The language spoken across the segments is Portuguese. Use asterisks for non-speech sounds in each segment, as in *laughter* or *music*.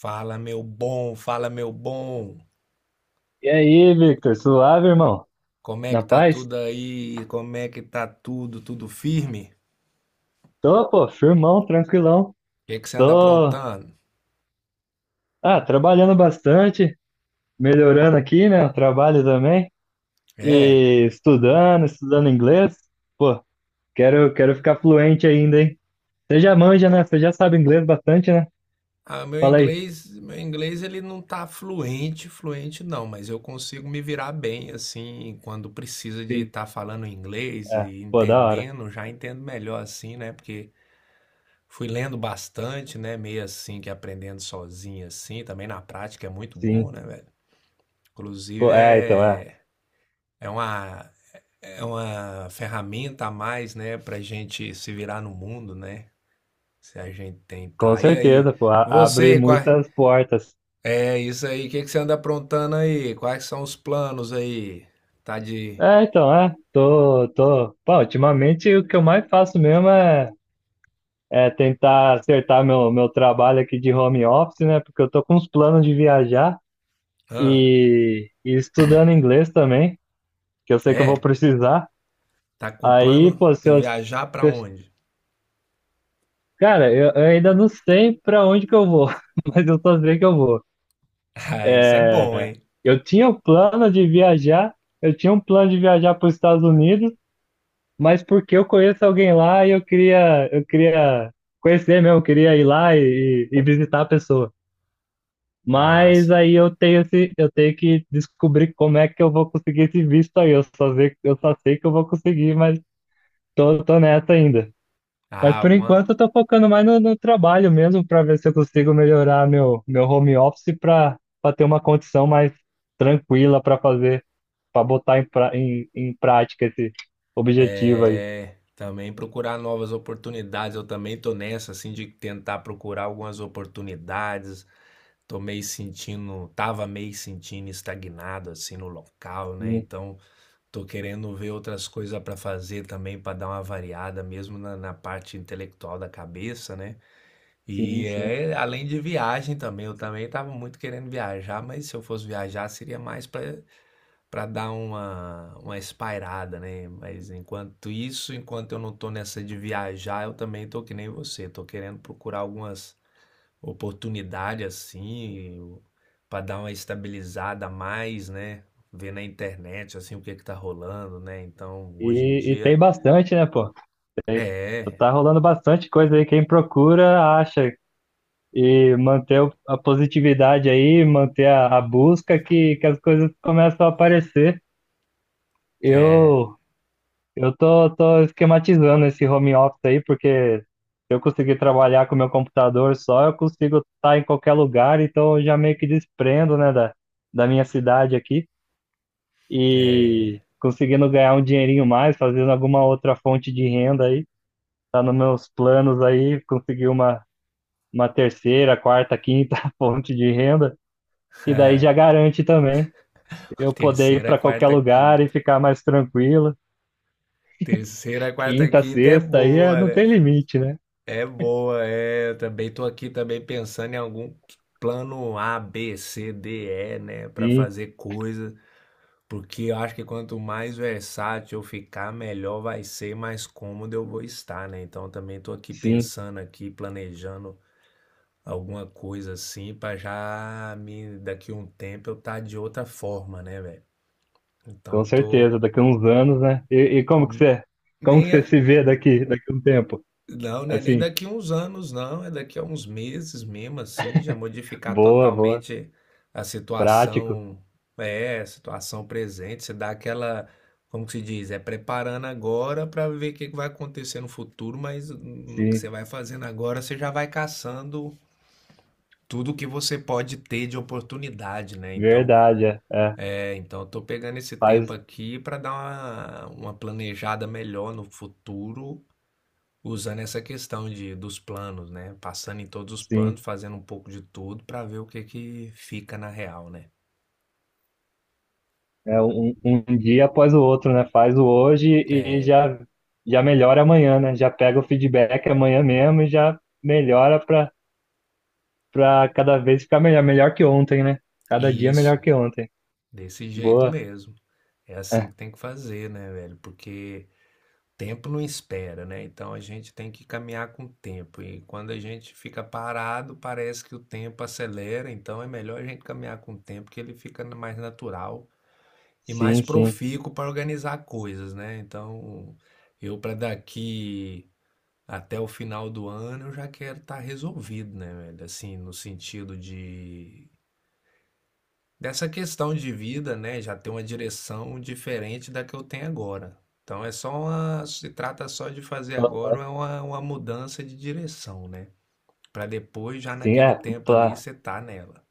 Fala, meu bom, fala, meu bom. E aí, Victor, suave, irmão? Como é Na que tá paz? tudo aí? Como é que tá tudo? Tudo firme? Tô, pô, firmão, tranquilão. O que é que você anda Tô, aprontando? ah, trabalhando bastante, melhorando aqui, né, o trabalho também. É, E estudando, estudando inglês. Pô, quero ficar fluente ainda, hein? Você já manja, né? Você já sabe inglês bastante, né? Meu Fala aí. inglês, ele não tá fluente, fluente não, mas eu consigo me virar bem assim quando precisa de Sim. estar falando inglês É, e pô, da hora. entendendo, já entendo melhor assim, né? Porque fui lendo bastante, né? Meio assim que aprendendo sozinho assim, também na prática é muito bom, Sim. né, velho? Pô, Inclusive é, então, é. é é uma É uma ferramenta a mais, né, pra gente se virar no mundo, né? Se a gente Com tentar. E aí, certeza, pô, abre você, quais... muitas portas. É isso aí, o que que você anda aprontando aí? Quais são os planos aí? Tá de... É, então, é. Tô. Pô, ultimamente o que eu mais faço mesmo é tentar acertar meu trabalho aqui de home office, né? Porque eu tô com uns planos de viajar Hã? e estudando inglês também, que eu sei que eu vou É? precisar. Tá com Aí, plano pô, se de eu, se viajar pra eu- onde? *laughs* cara, eu ainda não sei pra onde que eu vou, *laughs* mas eu só sei que eu vou. Ah, isso é bom, É, hein? eu tinha o plano de viajar, eu tinha um plano de viajar para os Estados Unidos, mas porque eu conheço alguém lá e eu queria conhecer mesmo, eu queria ir lá e visitar a pessoa. Mas Mas aí eu tenho que descobrir como é que eu vou conseguir esse visto aí. Eu só sei que eu vou conseguir, mas tô nessa ainda. Mas ah, por alguma... enquanto eu tô focando mais no trabalho mesmo para ver se eu consigo melhorar meu home office para ter uma condição mais tranquila para fazer, para botar em prática esse objetivo aí. É, também procurar novas oportunidades. Eu também tô nessa, assim, de tentar procurar algumas oportunidades. Tô meio sentindo, tava meio sentindo estagnado, assim, no local, né? Sim, Então, tô querendo ver outras coisas para fazer também, para dar uma variada, mesmo na parte intelectual da cabeça, né? sim, E sim. é, além de viagem também, eu também tava muito querendo viajar, mas se eu fosse viajar, seria mais para para dar uma espairada, né? Mas enquanto isso, enquanto eu não tô nessa de viajar, eu também tô que nem você, tô querendo procurar algumas oportunidades assim, para dar uma estabilizada a mais, né? Ver na internet assim o que que tá rolando, né? Então, hoje em E tem dia bastante, né, pô? Tem, é, tá rolando bastante coisa aí. Quem procura acha. E manter a positividade aí, manter a busca que as coisas começam a aparecer. é, Eu eu tô esquematizando esse home office aí, porque se eu conseguir trabalhar com meu computador só, eu consigo estar em qualquer lugar, então eu já meio que desprendo, né, da minha cidade aqui e é conseguindo ganhar um dinheirinho mais, fazendo alguma outra fonte de renda aí. Tá nos meus planos aí, conseguir uma terceira, quarta, quinta *laughs* fonte de renda que daí já garante também eu *laughs* poder ir terceira, para qualquer quarta, lugar e quinta. ficar mais tranquilo. Terceira, quarta, Quinta, quinta é sexta, aí boa, não né? tem limite, né? É boa, é. Eu também tô aqui também pensando em algum plano A, B, C, D, E, né, para Sim, fazer coisa, porque eu acho que quanto mais versátil eu ficar, melhor vai ser, mais cômodo eu vou estar, né? Então eu também tô aqui sim, pensando aqui, planejando alguma coisa assim para já me daqui a um tempo eu tá de outra forma, né, velho? com Então tô, certeza. Daqui a uns anos, né? E como que hum, você, como que você nem. se vê daqui a um tempo? Não, né? Nem Assim, daqui uns anos, não. É daqui a uns meses mesmo, assim, já modificar boa, boa, totalmente a prático, situação, é, a situação presente. Você dá aquela, como que se diz? É preparando agora para ver o que que vai acontecer no futuro, mas no que você sim, vai fazendo agora, você já vai caçando tudo que você pode ter de oportunidade, né? Então, verdade, é, é, é, então eu tô pegando esse faz, tempo aqui para dar uma planejada melhor no futuro. Usando essa questão de dos planos, né, passando em todos os planos, sim. fazendo um pouco de tudo para ver o que que fica na real, né. É um dia após o outro, né? Faz o hoje e É, já melhora amanhã, né? Já pega o feedback amanhã mesmo e já melhora para pra cada vez ficar melhor, melhor que ontem, né? Cada e dia melhor isso, que ontem. desse jeito Boa. mesmo. É assim É, que tem que fazer, né, velho, porque tempo não espera, né, então a gente tem que caminhar com o tempo e quando a gente fica parado, parece que o tempo acelera, então é melhor a gente caminhar com o tempo que ele fica mais natural e mais sim, sim. profícuo para organizar coisas, né. Então, eu para daqui. Até o final do ano eu já quero estar resolvido, né, velho? Assim, no sentido de dessa questão de vida, né, já ter uma direção diferente da que eu tenho agora. Então é só uma, se trata só de fazer Pla- agora é uma mudança de direção, né? Para depois já Sim, naquele é tempo ali pla- você tá nela.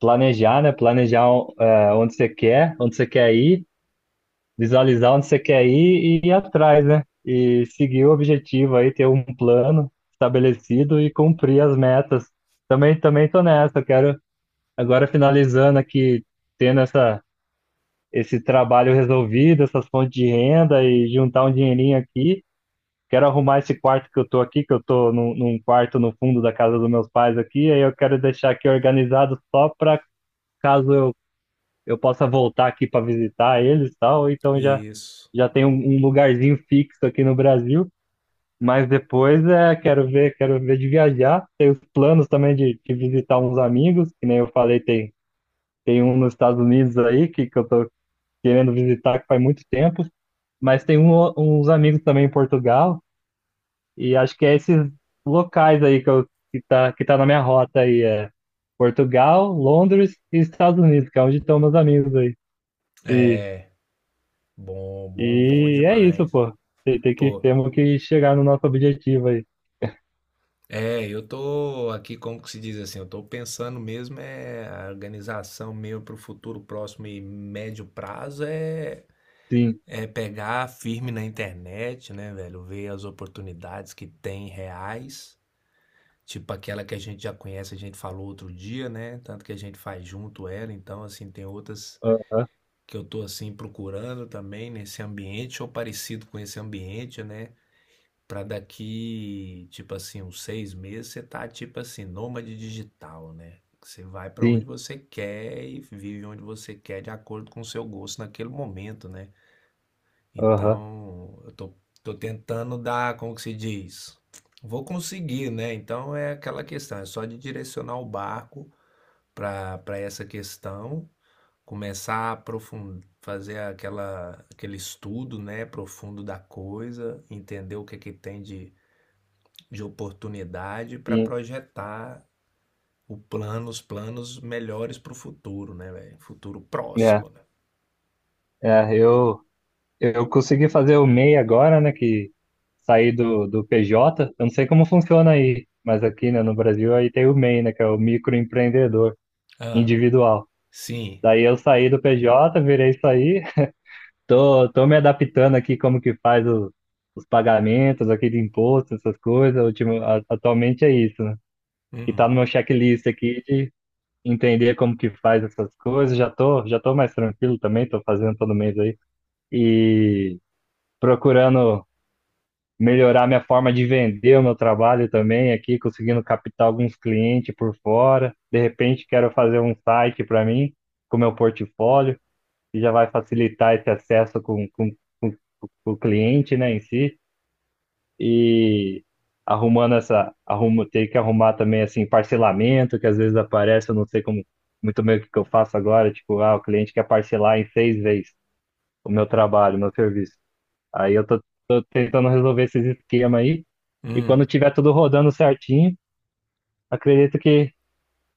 planejar, né? Planejar é, onde você quer ir, visualizar onde você quer ir e ir atrás, né? E seguir o objetivo aí, ter um plano estabelecido e cumprir as metas. Também tô nessa, quero agora finalizando aqui, tendo esse trabalho resolvido, essas fontes de renda e juntar um dinheirinho aqui. Quero arrumar esse quarto que eu tô aqui, que eu tô num quarto no fundo da casa dos meus pais aqui, aí eu quero deixar aqui organizado só para caso eu possa voltar aqui para visitar eles e tal, então Isso. já tem um lugarzinho fixo aqui no Brasil, mas depois é, quero ver de viajar, tem os planos também de visitar uns amigos, que nem eu falei, tem um nos Estados Unidos aí que eu tô querendo visitar que faz muito tempo, mas tem uns amigos também em Portugal. E acho que é esses locais aí que tá na minha rota aí, é Portugal, Londres e Estados Unidos, que é onde estão meus amigos aí. E, Bom, bom, bom e é isso, demais. pô. Pô, Temos que chegar no nosso objetivo aí. é, eu tô aqui, como que se diz assim, eu tô pensando mesmo é a organização meio para o futuro próximo e médio prazo é Sim, é pegar firme na internet, né, velho? Ver as oportunidades que tem reais, tipo aquela que a gente já conhece, a gente falou outro dia, né? Tanto que a gente faz junto ela, então assim tem outras aham, que eu tô assim procurando também nesse ambiente ou parecido com esse ambiente, né? Pra daqui, tipo assim, uns 6 meses, você tá, tipo assim, nômade digital, né? Você vai pra onde sim, você quer e vive onde você quer de acordo com o seu gosto naquele momento, né? aham, Então, eu tô, tô tentando dar, como que se diz? Vou conseguir, né? Então é aquela questão, é só de direcionar o barco pra para essa questão, começar a aprofundar, fazer aquela, aquele estudo, né, profundo da coisa, entender o que é que tem de oportunidade para sim. projetar o plano, os planos melhores para o futuro, né, velho? Futuro É, próximo, né? é, eu consegui fazer o MEI agora, né, que saí do PJ. Eu não sei como funciona aí, mas aqui, né, no Brasil aí tem o MEI, né, que é o microempreendedor Ah, individual. sim. Daí eu saí do PJ, virei isso aí. Tô me adaptando aqui como que faz os pagamentos aqui de imposto, essas coisas. Atualmente é isso, né? Que tá Hum, no meu checklist aqui de entender como que faz essas coisas. Já tô mais tranquilo também, tô fazendo todo mês aí. E procurando melhorar minha forma de vender o meu trabalho também aqui, conseguindo captar alguns clientes por fora. De repente quero fazer um site para mim, com meu portfólio que já vai facilitar esse acesso com, com o cliente, né, em si, e arrumando ter que arrumar também, assim, parcelamento, que às vezes aparece, eu não sei como, muito bem o que que eu faço agora, tipo, ah, o cliente quer parcelar em seis vezes o meu trabalho, o meu serviço. Aí eu tô tentando resolver esses esquemas aí, e quando hum. tiver tudo rodando certinho, acredito que,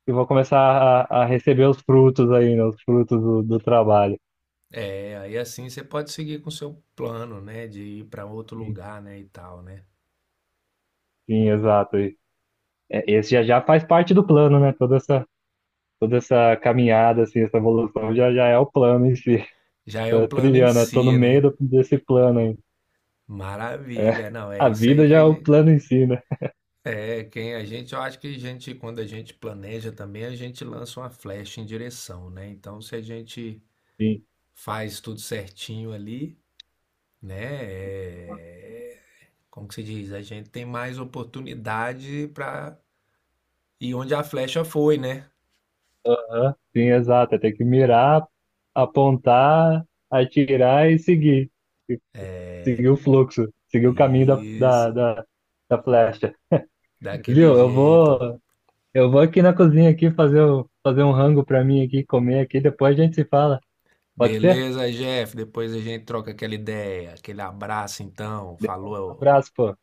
eu vou começar a receber os frutos aí, né, os frutos do trabalho. É, aí assim você pode seguir com o seu plano, né, de ir para outro Sim, lugar, né, e tal, né? sim, exato. É, esse já já faz parte do plano, né? Toda essa caminhada, assim, essa evolução já já é o plano em si. *laughs* Já é o Tô plano em trilhando, eu tô no si, meio né? Desse plano aí. É, Maravilha. Não, é a isso aí vida que já é a o gente plano em si, né? é, quem a gente, eu acho que a gente quando a gente planeja também, a gente lança uma flecha em direção, né? Então, se a gente Sim, faz tudo certinho ali, né? É, como que se diz? A gente tem mais oportunidade para ir onde a flecha foi, né? aham, sim, exato. Tem que mirar, apontar, atirar e seguir. E seguir o fluxo, seguir o caminho da, da, Isso, da, da flecha. daquele Viu? Eu jeito. vou, eu vou aqui na cozinha aqui fazer um rango pra mim aqui, comer aqui, depois a gente se fala. Pode ser? Beleza, Jeff? Depois a gente troca aquela ideia, aquele abraço então. Um Falou. abraço, pô.